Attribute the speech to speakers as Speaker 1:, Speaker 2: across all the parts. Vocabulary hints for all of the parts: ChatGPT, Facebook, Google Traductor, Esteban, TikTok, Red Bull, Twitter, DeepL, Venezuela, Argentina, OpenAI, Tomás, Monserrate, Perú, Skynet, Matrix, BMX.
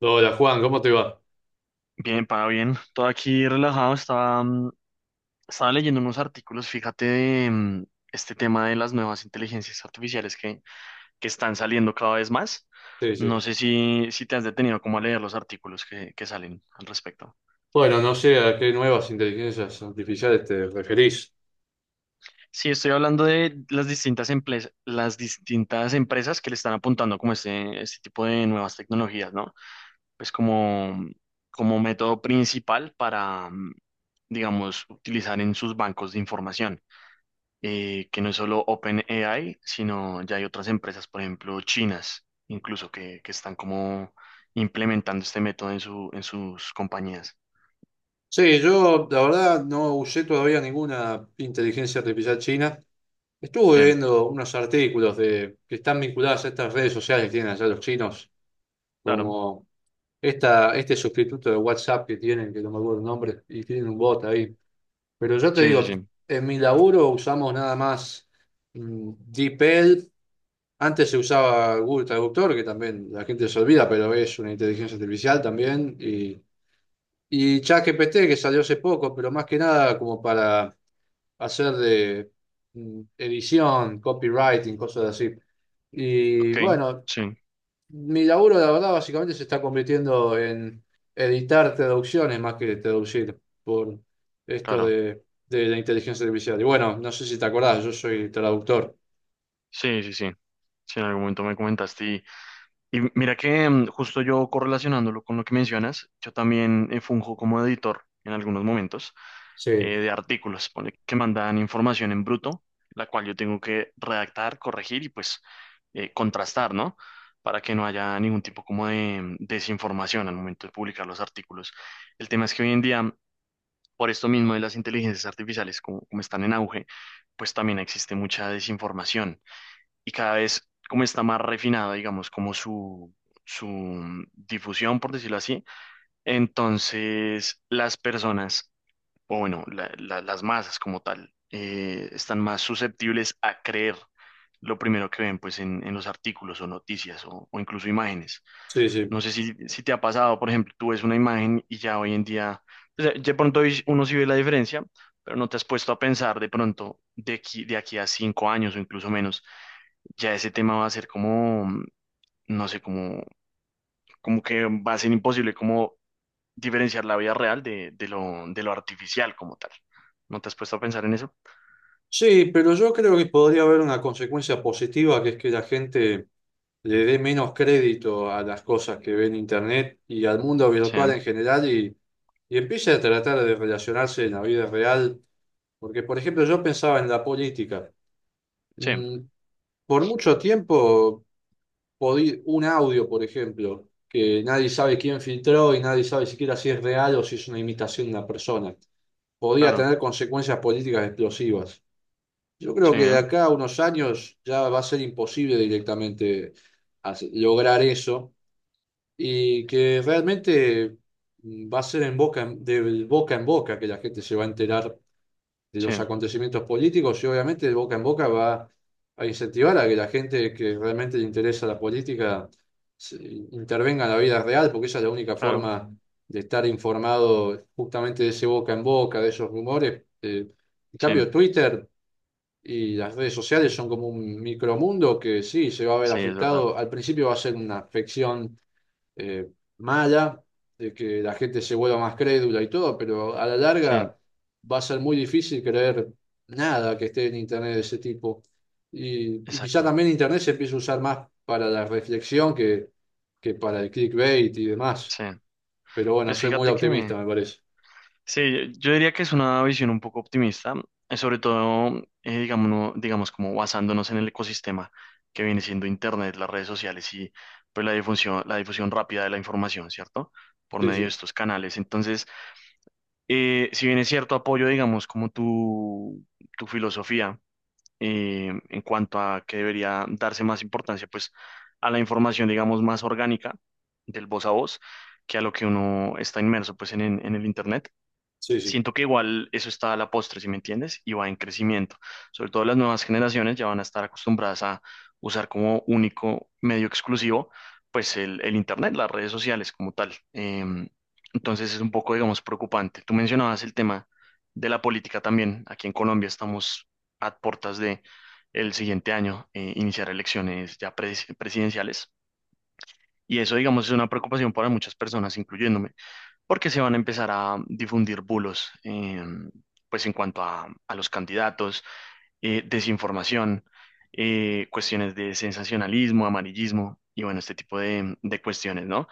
Speaker 1: Hola Juan, ¿cómo te va?
Speaker 2: Bien, para bien. Todo aquí relajado. Estaba leyendo unos artículos, fíjate, de este tema de las nuevas inteligencias artificiales que están saliendo cada vez más.
Speaker 1: Sí,
Speaker 2: No
Speaker 1: sí.
Speaker 2: sé si te has detenido como a leer los artículos que salen al respecto.
Speaker 1: Bueno, no sé a qué nuevas inteligencias artificiales te referís.
Speaker 2: Sí, estoy hablando de las distintas empresas, que le están apuntando como este tipo de nuevas tecnologías, ¿no? Pues como método principal para, digamos, utilizar en sus bancos de información. Que no es solo OpenAI, sino ya hay otras empresas, por ejemplo, chinas, incluso que están como implementando este método en sus compañías.
Speaker 1: Sí, yo la verdad no usé todavía ninguna inteligencia artificial china. Estuve
Speaker 2: Sí,
Speaker 1: viendo unos artículos de, que están vinculados a estas redes sociales que tienen allá los chinos,
Speaker 2: claro.
Speaker 1: como esta, este sustituto de WhatsApp que tienen, que no me acuerdo el nombre, y tienen un bot ahí. Pero yo te
Speaker 2: Sí,
Speaker 1: digo,
Speaker 2: sí, sí.
Speaker 1: en mi laburo usamos nada más DeepL. Antes se usaba Google Traductor, que también la gente se olvida, pero es una inteligencia artificial también. Y y ChatGPT, que salió hace poco, pero más que nada como para hacer de edición, copywriting, cosas así. Y
Speaker 2: Ok,
Speaker 1: bueno,
Speaker 2: sí,
Speaker 1: mi laburo, la verdad, básicamente se está convirtiendo en editar traducciones más que traducir por esto
Speaker 2: claro.
Speaker 1: de la inteligencia artificial. Y bueno, no sé si te acordás, yo soy traductor.
Speaker 2: Sí, sí, sí. Sí, en algún momento me comentaste. Y mira que justo yo correlacionándolo con lo que mencionas, yo también funjo como editor en algunos momentos
Speaker 1: Sí,
Speaker 2: de artículos, pone que mandan información en bruto, la cual yo tengo que redactar, corregir y pues contrastar, ¿no? Para que no haya ningún tipo como de desinformación al momento de publicar los artículos. El tema es que hoy en día, por esto mismo de las inteligencias artificiales, como están en auge, pues también existe mucha desinformación y cada vez como está más refinado, digamos, como su difusión, por decirlo así, entonces las personas, o bueno, las masas como tal, están más susceptibles a creer lo primero que ven, pues, en los artículos o noticias o incluso imágenes.
Speaker 1: sí, sí.
Speaker 2: No sé si te ha pasado, por ejemplo, tú ves una imagen y ya hoy en día, pues, de pronto hoy uno sí ve la diferencia, pero no te has puesto a pensar de pronto de aquí a 5 años o incluso menos ya ese tema va a ser como, no sé, como, como que va a ser imposible como diferenciar la vida real de lo artificial como tal. ¿No te has puesto a pensar en eso?
Speaker 1: Sí, pero yo creo que podría haber una consecuencia positiva, que es que la gente le dé menos crédito a las cosas que ve en Internet y al mundo
Speaker 2: Sí,
Speaker 1: virtual en general y empiece a tratar de relacionarse en la vida real. Porque, por ejemplo, yo pensaba en la política.
Speaker 2: sí,
Speaker 1: Mm, por mucho tiempo, un audio, por ejemplo, que nadie sabe quién filtró y nadie sabe siquiera si es real o si es una imitación de una persona, podía
Speaker 2: claro,
Speaker 1: tener consecuencias políticas explosivas. Yo creo
Speaker 2: sí,
Speaker 1: que de acá a unos años ya va a ser imposible directamente lograr eso y que realmente va a ser en de boca en boca que la gente se va a enterar de
Speaker 2: sí,
Speaker 1: los acontecimientos políticos y obviamente de boca en boca va a incentivar a que la gente que realmente le interesa la política se- intervenga en la vida real, porque esa es la única
Speaker 2: claro,
Speaker 1: forma de estar informado justamente de ese boca en boca, de esos rumores. En
Speaker 2: sí,
Speaker 1: cambio, Twitter y las redes sociales son como un micromundo que sí, se va a ver
Speaker 2: sí, es verdad,
Speaker 1: afectado. Al principio va a ser una afección eh, mala, de que la gente se vuelva más crédula y todo, pero a la
Speaker 2: sí,
Speaker 1: larga va a ser muy difícil creer nada que esté en Internet de ese tipo. Y y quizá
Speaker 2: exacto,
Speaker 1: también Internet se empiece a usar más para la reflexión que para el clickbait y demás.
Speaker 2: sí.
Speaker 1: Pero bueno,
Speaker 2: Pues
Speaker 1: soy muy
Speaker 2: fíjate que,
Speaker 1: optimista, me parece.
Speaker 2: sí, yo diría que es una visión un poco optimista, sobre todo, digamos, digamos, como basándonos en el ecosistema que viene siendo Internet, las redes sociales y pues la difusión rápida de la información, ¿cierto? Por
Speaker 1: Sí,
Speaker 2: medio de
Speaker 1: sí,
Speaker 2: estos canales. Entonces, si bien es cierto, apoyo, digamos, como tu filosofía en cuanto a que debería darse más importancia, pues, a la información, digamos, más orgánica del voz a voz, que a lo que uno está inmerso, pues, en el Internet.
Speaker 1: sí, sí,
Speaker 2: Siento que igual eso está a la postre, si me entiendes, y va en crecimiento. Sobre todo las nuevas generaciones ya van a estar acostumbradas a usar como único medio exclusivo, pues el Internet, las redes sociales como tal. Entonces es un poco, digamos, preocupante. Tú mencionabas el tema de la política también. Aquí en Colombia estamos a puertas de el siguiente año, iniciar elecciones ya presidenciales. Y eso, digamos, es una preocupación para muchas personas, incluyéndome porque se van a empezar a difundir bulos, pues en cuanto a los candidatos, desinformación, cuestiones de sensacionalismo, amarillismo y bueno, este tipo de cuestiones, ¿no?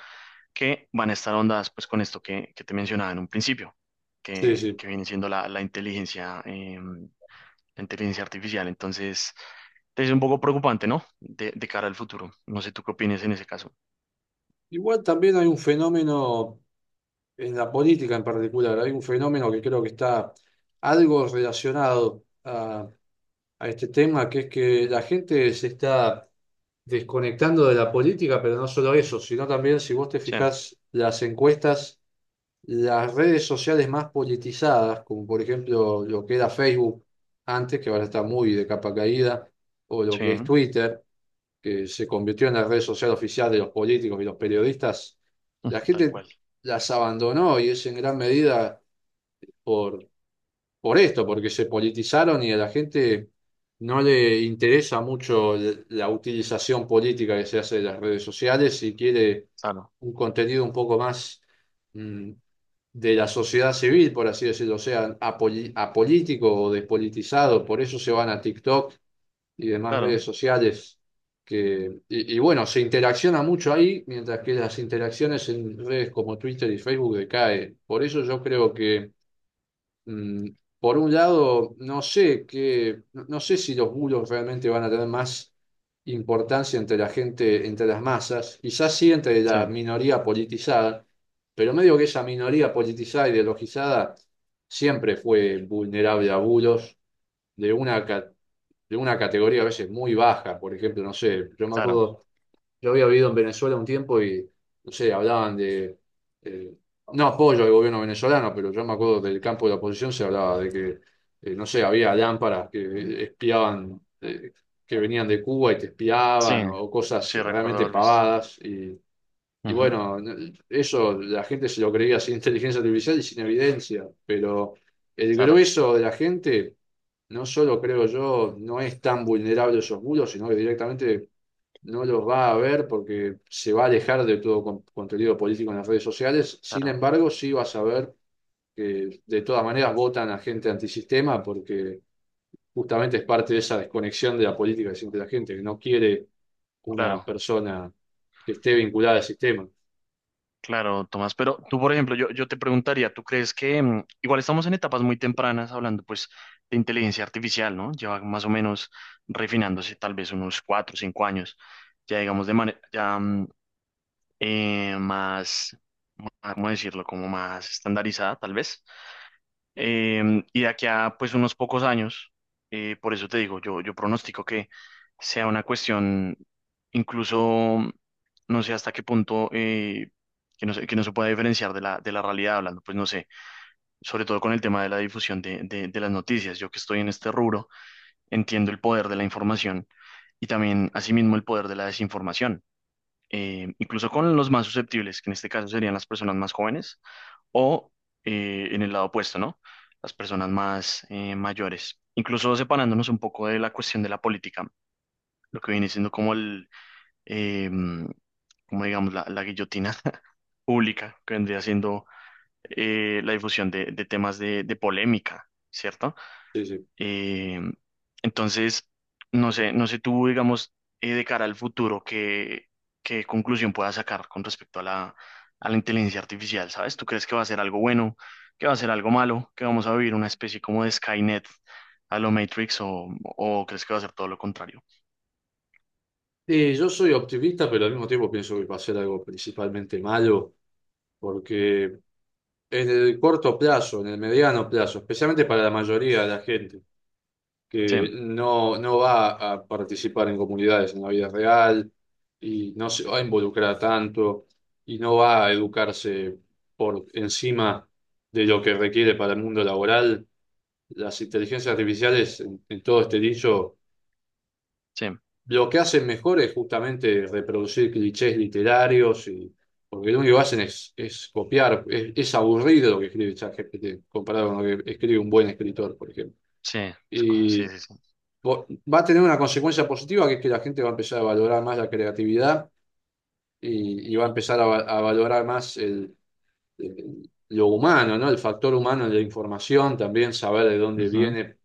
Speaker 2: Que van a estar ondas pues con esto que te mencionaba en un principio,
Speaker 1: sí,
Speaker 2: que,
Speaker 1: sí.
Speaker 2: que viene siendo la inteligencia artificial. Entonces, es un poco preocupante, ¿no? De cara al futuro. No sé tú qué opinas en ese caso.
Speaker 1: Igual también hay un fenómeno en la política en particular, hay un fenómeno que creo que está algo relacionado a este tema, que es que la gente se está desconectando de la política, pero no solo eso, sino también si vos te
Speaker 2: Sí,
Speaker 1: fijás las encuestas, las redes sociales más politizadas, como por ejemplo lo que era Facebook antes, que ahora está muy de capa caída, o lo que es
Speaker 2: sí,
Speaker 1: Twitter, que se convirtió en la red social oficial de los políticos y los periodistas, la
Speaker 2: tal
Speaker 1: gente
Speaker 2: cual.
Speaker 1: las abandonó y es en gran medida por esto, porque se politizaron y a la gente no le interesa mucho la utilización política que se hace de las redes sociales y quiere
Speaker 2: Claro,
Speaker 1: un contenido un poco más mm, de la sociedad civil, por así decirlo, o sea, apolítico o despolitizado, por eso se van a TikTok y demás
Speaker 2: claro,
Speaker 1: redes sociales. Y bueno, se interacciona mucho ahí, mientras que las interacciones en redes como Twitter y Facebook decaen. Por eso yo creo que Mm, por un lado, no sé si los muros realmente van a tener más importancia entre la gente, entre las masas, quizás sí entre
Speaker 2: sí,
Speaker 1: la minoría politizada, pero medio que esa minoría politizada y ideologizada siempre fue vulnerable a bulos de de una categoría a veces muy baja, por ejemplo, no sé, yo me
Speaker 2: claro.
Speaker 1: acuerdo yo había vivido en Venezuela un tiempo y, no sé, hablaban eh, no apoyo al gobierno venezolano, pero yo me acuerdo del campo de la oposición se hablaba de no sé, había lámparas que espiaban, que venían de Cuba y te
Speaker 2: Sí,
Speaker 1: espiaban, o cosas
Speaker 2: sí recuerdo
Speaker 1: realmente
Speaker 2: haber visto.
Speaker 1: pavadas. Y y
Speaker 2: Ujú.
Speaker 1: bueno, eso la gente se lo creía sin inteligencia artificial y sin evidencia, pero el
Speaker 2: Claro,
Speaker 1: grueso de la gente, no solo creo yo, no es tan vulnerable a esos bulos, sino que directamente no los va a ver porque se va a alejar de todo contenido político en las redes sociales. Sin
Speaker 2: claro,
Speaker 1: embargo, sí vas a ver que de todas maneras votan a gente antisistema porque justamente es parte de esa desconexión de la política que siente la gente, que no quiere una
Speaker 2: claro,
Speaker 1: persona que esté vinculada al sistema.
Speaker 2: claro, Tomás. Pero tú, por ejemplo, yo te preguntaría, ¿tú crees que igual estamos en etapas muy tempranas hablando pues de inteligencia artificial, ¿no? Lleva más o menos refinándose tal vez unos 4 o 5 años, ya digamos de manera ya eh, más, más, ¿cómo decirlo? Como más estandarizada, tal vez. Y de aquí a pues unos pocos años, por eso te digo, yo pronostico que sea una cuestión incluso, no sé hasta qué punto, que no se pueda diferenciar de la realidad hablando, pues no sé, sobre todo con el tema de la difusión de las noticias. Yo que estoy en este rubro, entiendo el poder de la información y también asimismo el poder de la desinformación. Incluso con los más susceptibles, que en este caso serían las personas más jóvenes o en el lado opuesto, ¿no? Las personas más mayores. Incluso separándonos un poco de la cuestión de la política, lo que viene siendo como eh, mm, como digamos, la guillotina pública, que vendría siendo la difusión de temas de polémica, ¿cierto?
Speaker 1: Sí, sí.
Speaker 2: Eh, entonces, no sé tú, digamos, de cara al futuro, qué conclusión puedas sacar con respecto a la inteligencia artificial, ¿sabes? ¿Tú crees que va a ser algo bueno, que va a ser algo malo, que vamos a vivir una especie como de Skynet a lo Matrix o crees que va a ser todo lo contrario?
Speaker 1: Sí, yo soy optimista, pero al mismo tiempo pienso que va a ser algo principalmente malo, porque en el corto plazo, en el mediano plazo, especialmente para la mayoría de la gente,
Speaker 2: Sí,
Speaker 1: que no, no va a participar en comunidades en la vida real y no se va a involucrar tanto y no va a educarse por encima de lo que requiere para el mundo laboral. Las inteligencias artificiales, en todo este dicho,
Speaker 2: sí,
Speaker 1: lo que hacen mejor es justamente reproducir clichés literarios y porque lo único que hacen es copiar, es aburrido lo que escribe ChatGPT comparado con lo que escribe un buen escritor, por ejemplo.
Speaker 2: sí,
Speaker 1: Y
Speaker 2: sí, sí, sí.
Speaker 1: vo- va a tener una consecuencia positiva, que es que la gente va a empezar a valorar más la creatividad y va a empezar a valorar más lo humano, ¿no? El factor humano de la información, también saber de dónde
Speaker 2: Ujú.
Speaker 1: viene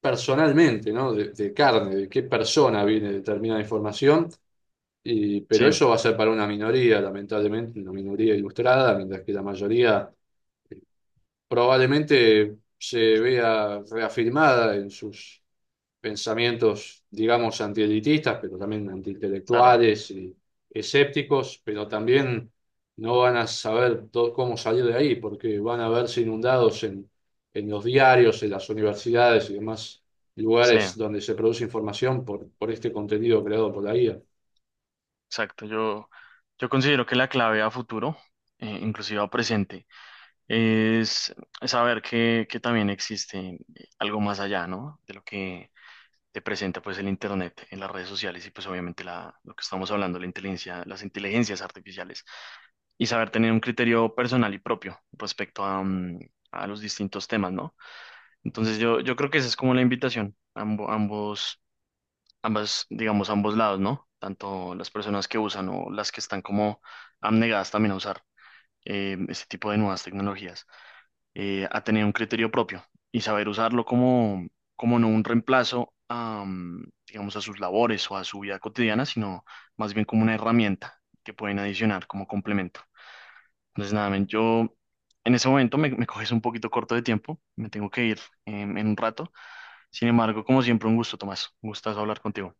Speaker 1: personalmente, ¿no? De carne, de qué persona viene determinada información. Y,
Speaker 2: Sí,
Speaker 1: pero eso va a ser para una minoría, lamentablemente, una minoría ilustrada, mientras que la mayoría probablemente se vea reafirmada en sus pensamientos, digamos, antielitistas, pero también
Speaker 2: claro,
Speaker 1: antiintelectuales y escépticos, pero también no van a saber cómo salir de ahí, porque van a verse inundados en los diarios, en las universidades y demás
Speaker 2: sí,
Speaker 1: lugares donde se produce información por este contenido creado por la IA.
Speaker 2: exacto. Yo considero que la clave a futuro, inclusive a presente, es saber que también existe algo más allá, ¿no? De lo que te presenta pues el internet en las redes sociales y pues obviamente la, lo que estamos hablando, la inteligencia, las inteligencias artificiales y saber tener un criterio personal y propio respecto a, a los distintos temas, ¿no? Entonces yo creo que esa es como la invitación, ambos, ambas, digamos, ambos lados, ¿no? Tanto las personas que usan o las que están como abnegadas también a usar este tipo de nuevas tecnologías, a tener un criterio propio y saber usarlo como no un reemplazo a, digamos, a sus labores o a su vida cotidiana, sino más bien como una herramienta que pueden adicionar como complemento. Entonces, nada, men, yo en ese momento me coges un poquito corto de tiempo, me tengo que ir en un rato. Sin embargo, como siempre, un gusto, Tomás. Un gustazo hablar contigo.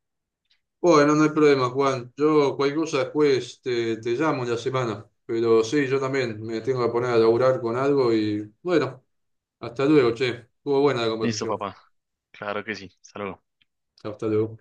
Speaker 1: Bueno, no hay problema, Juan. Yo cualquier cosa después te llamo en la semana. Pero sí, yo también me tengo que poner a laburar con algo y bueno, hasta luego, che. Estuvo buena la
Speaker 2: Listo,
Speaker 1: conversación.
Speaker 2: papá. Claro que sí. Hasta luego.
Speaker 1: Hasta luego.